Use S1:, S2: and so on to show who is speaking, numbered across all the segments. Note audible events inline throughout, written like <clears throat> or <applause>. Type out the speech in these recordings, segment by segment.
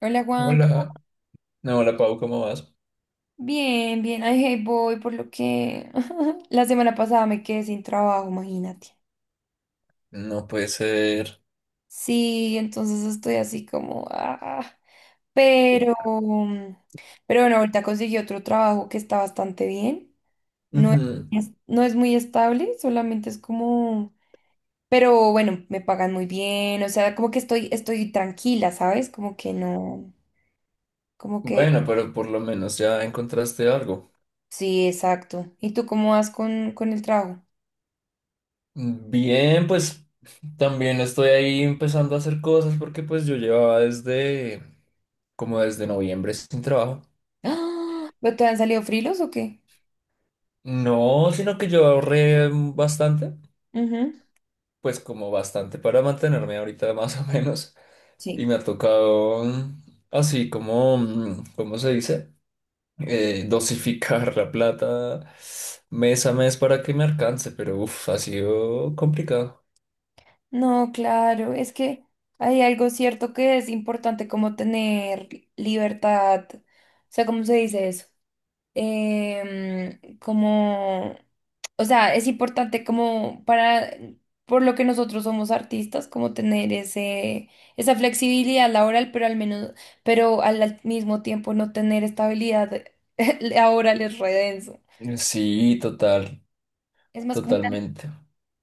S1: Hola Juanca,
S2: Hola, no, hola Pau, ¿cómo vas?
S1: bien, bien, ay, hey, voy por lo que <laughs> la semana pasada me quedé sin trabajo, imagínate.
S2: No puede ser.
S1: Sí, entonces estoy así como, pero, mm, pero bueno, ahorita conseguí otro trabajo que está bastante bien. No es,
S2: Ujú.
S1: no es muy estable, solamente es como, pero bueno, me pagan muy bien, o sea, como que estoy tranquila, ¿sabes? Como que no, como que,
S2: Bueno, pero por lo menos ya encontraste algo.
S1: sí, exacto. ¿Y tú cómo vas con el trabajo?
S2: Bien, pues también estoy ahí empezando a hacer cosas porque pues yo llevaba desde como desde noviembre sin trabajo.
S1: ¡Ah! ¿Pero te han salido frilos o qué?
S2: No, sino que yo ahorré bastante,
S1: Ujú.
S2: pues como bastante para mantenerme ahorita <laughs> más o menos. Y
S1: Sí.
S2: me ha tocado así como, ¿cómo se dice? Dosificar la plata mes a mes para que me alcance, pero ha sido complicado.
S1: No, claro, es que hay algo cierto que es importante como tener libertad, o sea, ¿cómo se dice eso? Como, o sea, es importante como para, por lo que nosotros somos artistas, como tener esa flexibilidad laboral, pero al mismo tiempo no tener estabilidad <laughs> laboral es re denso.
S2: Sí, total,
S1: Es más como.
S2: totalmente.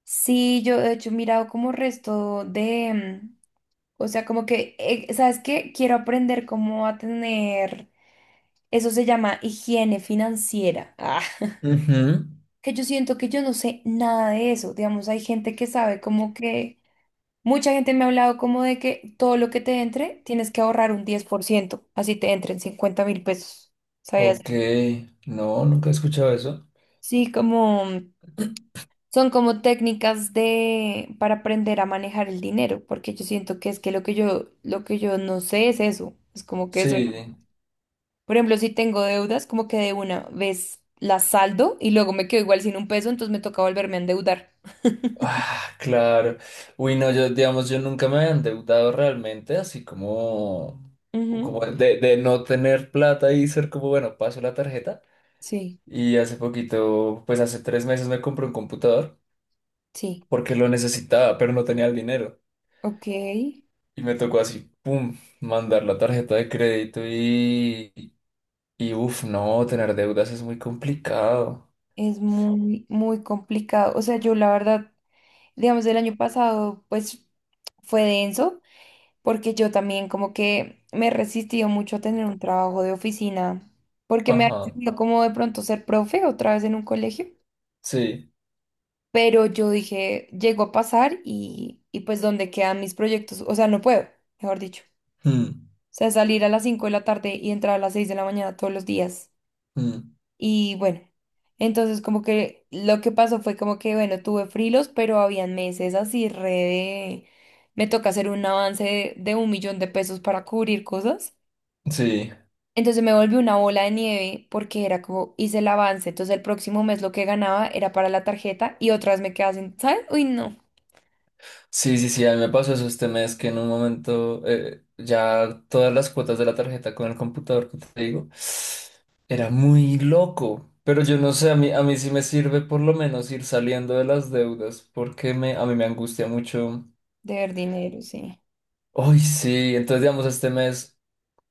S1: Sí, yo de hecho he mirado como resto de, o sea, como que, ¿sabes qué? Quiero aprender cómo a tener, eso se llama higiene financiera.
S2: Ujú.
S1: Que yo siento que yo no sé nada de eso. Digamos, hay gente que sabe como que, mucha gente me ha hablado como de que todo lo que te entre, tienes que ahorrar un 10%, así te entren 50.000 pesos. ¿Sabías?
S2: Ok, no, nunca he escuchado eso.
S1: Sí, como. Son como técnicas de para aprender a manejar el dinero, porque yo siento que es que lo que yo no sé es eso. Es como que soy,
S2: Sí,
S1: por ejemplo, si tengo deudas, como que de una vez las saldo y luego me quedo igual sin un peso, entonces me toca volverme a endeudar.
S2: ah, claro. Uy, no, yo, digamos, yo nunca me había endeudado realmente, así como,
S1: Ujú.
S2: como de no tener plata y ser como, bueno, paso la tarjeta.
S1: Sí,
S2: Y hace poquito, pues hace tres meses me compré un computador,
S1: sí,
S2: porque lo necesitaba, pero no tenía el dinero.
S1: ok.
S2: Y me tocó así, pum, mandar la tarjeta de crédito y uff, no, tener deudas es muy complicado.
S1: Es muy, muy complicado. O sea, yo la verdad, digamos, el año pasado, pues fue denso porque yo también como que me he resistido mucho a tener un trabajo de oficina, porque me ha
S2: Ajá,
S1: resistido como de pronto ser profe otra vez en un colegio,
S2: sí.
S1: pero yo dije, llegó a pasar y pues dónde quedan mis proyectos, o sea, no puedo, mejor dicho.
S2: Mm,
S1: O sea, salir a las 5 de la tarde y entrar a las 6 de la mañana todos los días.
S2: mm,
S1: Y bueno, entonces como que lo que pasó fue como que, bueno, tuve frilos, pero habían meses así re Me toca hacer un avance de 1 millón de pesos para cubrir cosas.
S2: Sí,
S1: Entonces me volvió una bola de nieve porque era como hice el avance. Entonces el próximo mes lo que ganaba era para la tarjeta y otras me quedaba sin, ¿sabes? Uy, no,
S2: sí, sí, sí, a mí me pasó eso este mes que en un momento ya todas las cuotas de la tarjeta con el computador que te digo era muy loco. Pero yo no sé, a mí sí me sirve por lo menos ir saliendo de las deudas a mí me angustia mucho.
S1: de ver dinero, sí.
S2: Uy, sí, entonces digamos este mes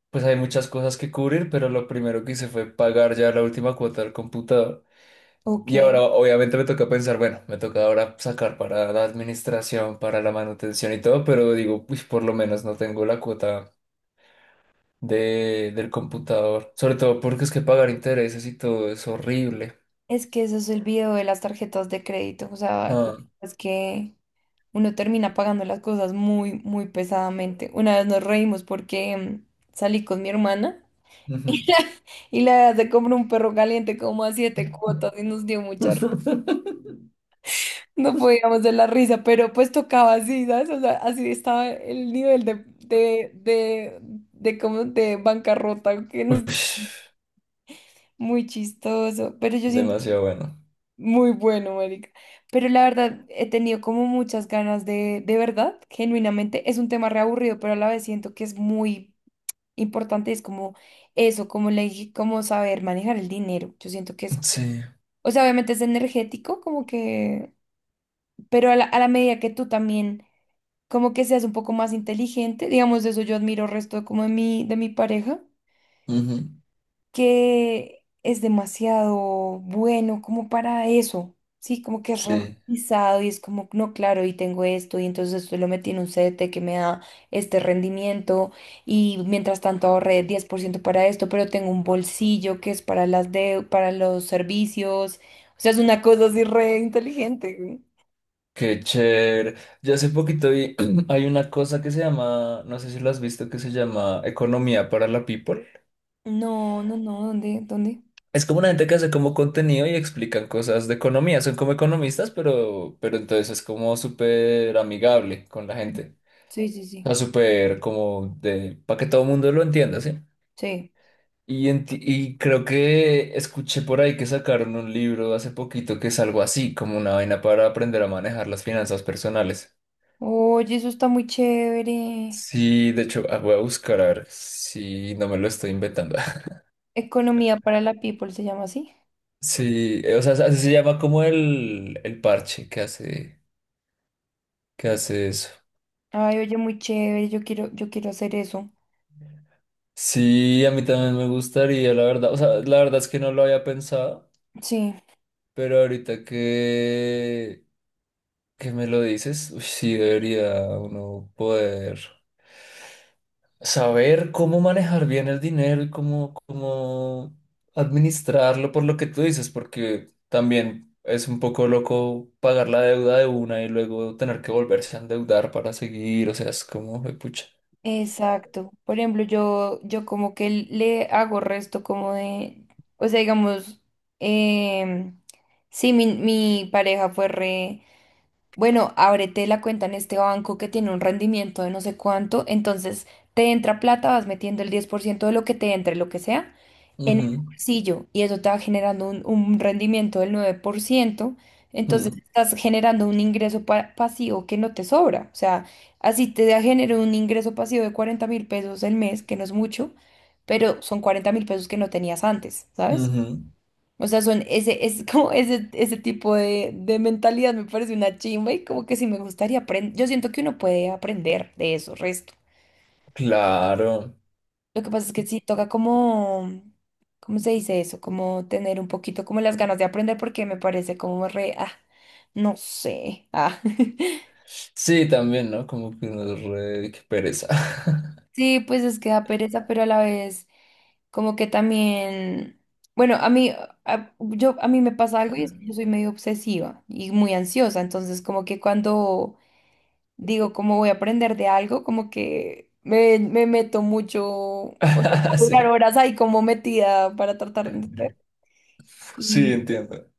S2: pues hay muchas cosas que cubrir, pero lo primero que hice fue pagar ya la última cuota del computador.
S1: Ok,
S2: Y ahora obviamente me toca pensar, bueno, me toca ahora sacar para la administración, para la manutención y todo, pero digo, pues por lo menos no tengo la cuota del computador. Sobre todo porque es que pagar intereses y todo es horrible.
S1: es que eso es el video de las tarjetas de crédito. O sea,
S2: Ah,
S1: es que uno termina pagando las cosas muy, muy pesadamente. Una vez nos reímos porque salí con mi hermana
S2: ujú.
S1: y la verdad se compró un perro caliente como a 7 cuotas y nos dio mucha.
S2: <laughs>
S1: No podíamos de la risa, pero pues tocaba así, ¿sabes? O sea, así estaba el nivel de como de bancarrota, que nos.
S2: Ush,
S1: Muy chistoso, pero yo siento que
S2: demasiado bueno.
S1: muy bueno, marica. Pero la verdad, he tenido como muchas ganas de verdad, genuinamente, es un tema reaburrido, pero a la vez siento que es muy importante, es como eso, como le dije, como saber manejar el dinero. Yo siento que es,
S2: Sí,
S1: o sea, obviamente es energético, como que, pero a la medida que tú también como que seas un poco más inteligente, digamos, eso yo admiro resto de como de de mi pareja,
S2: ujú,
S1: que es demasiado bueno como para eso, sí, como que es
S2: sí.
S1: reorganizado y es como, no, claro, y tengo esto, y entonces esto lo metí en un CDT que me da este rendimiento, y mientras tanto ahorré 10% para esto, pero tengo un bolsillo que es para las de, para los servicios, o sea, es una cosa así re inteligente.
S2: Qué chévere. Yo hace poquito vi, <clears throat> hay una cosa que se llama, no sé si lo has visto, que se llama Economía para la People.
S1: No, no, no, ¿dónde? ¿Dónde?
S2: Es como una gente que hace como contenido y explican cosas de economía. Son como economistas, pero entonces es como súper amigable con la gente.
S1: Sí, sí,
S2: O
S1: sí,
S2: sea, súper como de, para que todo el mundo lo entienda, ¿sí?
S1: sí.
S2: Y, y creo que escuché por ahí que sacaron un libro hace poquito que es algo así, como una vaina para aprender a manejar las finanzas personales.
S1: Oye, eso está muy chévere.
S2: Sí, de hecho, ah, voy a buscar a ver si no me lo estoy inventando. <laughs>
S1: Economía para la people se llama así.
S2: Sí, o sea, así se llama como el parche que hace eso.
S1: Ay, oye, muy chévere. Yo quiero hacer eso.
S2: Sí, a mí también me gustaría, la verdad. O sea, la verdad es que no lo había pensado,
S1: Sí,
S2: pero que me lo dices, uy, sí debería uno poder. Saber cómo manejar bien el dinero y cómo administrarlo por lo que tú dices, porque también es un poco loco pagar la deuda de una y luego tener que volverse a endeudar para seguir, o sea, es como, pucha.
S1: exacto. Por ejemplo, yo como que le hago resto como de, o sea, digamos, em, sí, mi pareja fue re. Bueno, ábrete la cuenta en este banco que tiene un rendimiento de no sé cuánto, entonces te entra plata, vas metiendo el 10% de lo que te entre, lo que sea, en el
S2: Ujú,
S1: bolsillo y eso te va generando un rendimiento del 9%, entonces
S2: mm,
S1: estás generando un ingreso pasivo que no te sobra, o sea, así te da genera un ingreso pasivo de 40.000 pesos el mes, que no es mucho, pero son 40.000 pesos que no tenías antes, ¿sabes?
S2: ujú.
S1: O sea, son ese, es <laughs> como ese tipo de mentalidad me parece una chimba y como que sí me gustaría aprender. Yo siento que uno puede aprender de eso, resto.
S2: Claro.
S1: Lo que pasa es que sí toca como, ¿cómo se dice eso? Como tener un poquito como las ganas de aprender porque me parece como re, no sé, ah. <laughs>
S2: Sí, también, ¿no? Como que uno es re... qué pereza. <laughs>
S1: Sí, pues es que da pereza, pero a la vez como que también, bueno, a mí me pasa algo y es que yo soy medio obsesiva y muy ansiosa, entonces como que cuando digo, como voy a aprender de algo, como que me meto mucho, o sea,
S2: <laughs>
S1: puedo durar
S2: Sí,
S1: horas ahí como metida para tratar de entender.
S2: sí,
S1: Y,
S2: entiendo.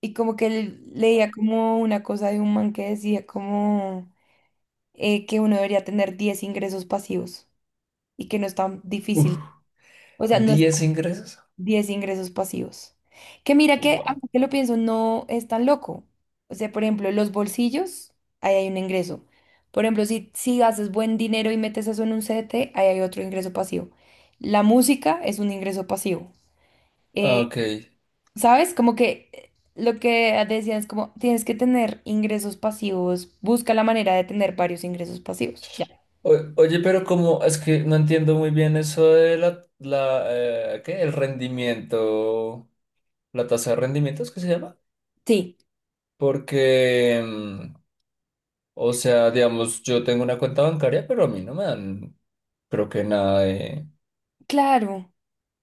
S1: y como que leía como una cosa de un man que decía como que uno debería tener 10 ingresos pasivos y que no es tan
S2: Uf.
S1: difícil. O sea, no es,
S2: ¿10 ingresos?
S1: 10 ingresos pasivos. Que mira que,
S2: Guau.
S1: ahora que lo pienso, no es tan loco. O sea, por ejemplo, los bolsillos, ahí hay un ingreso. Por ejemplo, si haces buen dinero y metes eso en un CDT, ahí hay otro ingreso pasivo. La música es un ingreso pasivo.
S2: Ah,
S1: Eh,
S2: ok.
S1: ¿Sabes? Como que lo que decían es como tienes que tener ingresos pasivos, busca la manera de tener varios ingresos pasivos. Ya.
S2: Oye, pero como es que no entiendo muy bien eso de la ¿qué? El rendimiento, la tasa de rendimientos que se llama,
S1: Sí,
S2: porque, mm, o sea, digamos, yo tengo una cuenta bancaria, pero a mí no me dan, creo que nada de,
S1: claro.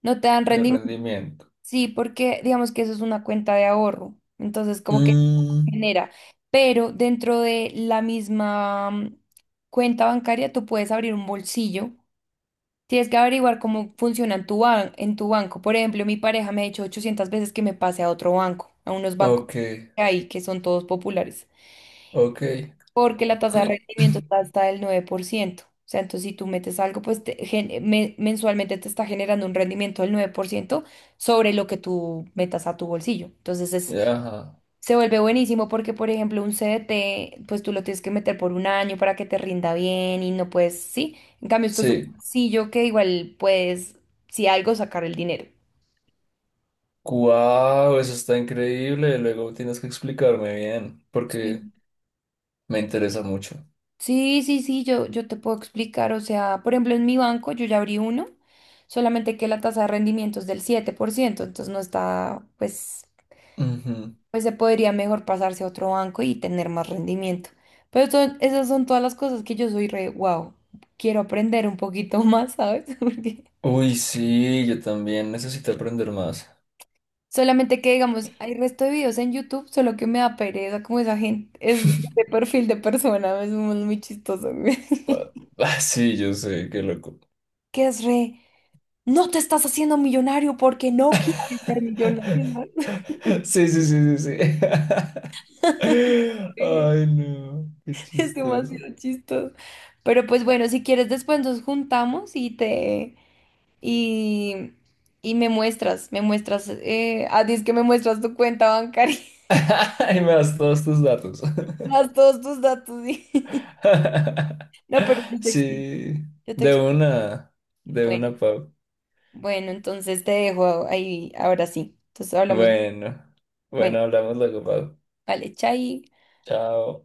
S1: No te dan
S2: de
S1: rendimiento.
S2: rendimiento.
S1: Sí, porque digamos que eso es una cuenta de ahorro, entonces como que
S2: Mm,
S1: genera, pero dentro de la misma cuenta bancaria tú puedes abrir un bolsillo, tienes que averiguar cómo funciona en tu, en tu banco. Por ejemplo, mi pareja me ha dicho 800 veces que me pase a otro banco, a unos bancos
S2: ok,
S1: que hay que son todos populares
S2: ok,
S1: porque la tasa de
S2: <clears throat>
S1: rendimiento está hasta el 9%. O sea, entonces si tú metes algo, pues te mensualmente te está generando un rendimiento del 9% sobre lo que tú metas a tu bolsillo. Entonces
S2: ajá,
S1: se vuelve buenísimo porque, por ejemplo, un CDT, pues tú lo tienes que meter por un año para que te rinda bien y no puedes, sí. En cambio, esto es un
S2: sí.
S1: bolsillo que igual puedes, si algo, sacar el dinero.
S2: Wow, eso está increíble. Luego tienes que explicarme bien, porque
S1: Sí.
S2: me interesa mucho.
S1: Sí, sí, sí, yo te puedo explicar. O sea, por ejemplo, en mi banco yo ya abrí uno, solamente que la tasa de rendimiento es del 7%. Entonces no está, pues, pues se podría mejor pasarse a otro banco y tener más rendimiento. Pero esas son todas las cosas que yo soy re, wow, quiero aprender un poquito más, ¿sabes? <laughs> Porque
S2: Uy, sí, yo también necesito aprender más.
S1: solamente que, digamos, hay resto de videos en YouTube, solo que me da pereza como esa gente, es
S2: <laughs>
S1: de perfil de persona, es muy muy chistoso,
S2: Ah,
S1: <laughs>
S2: ah, sí, yo sé, qué loco.
S1: que es re. No te estás haciendo millonario porque no quieres ser millonario,
S2: <laughs>
S1: ¿no? <laughs>
S2: Sí, sí, sí, sí, sí. <laughs>
S1: Sí,
S2: Ay, no, qué
S1: es
S2: chistoso.
S1: demasiado chistoso. Pero pues bueno, si quieres después nos juntamos y te y, y me muestras, dices que me muestras tu cuenta bancaria,
S2: <laughs> Y me das todos tus datos.
S1: <laughs> más todos tus datos. Sí. <laughs>
S2: <laughs>
S1: No, pero yo te explico,
S2: Sí,
S1: yo te
S2: de
S1: explico.
S2: una, de
S1: Bueno,
S2: una, Pau.
S1: bueno, entonces te dejo ahí, ahora sí. Entonces hablamos.
S2: Bueno,
S1: Bueno,
S2: bueno, hablamos luego, Pau.
S1: vale, chai.
S2: Chao.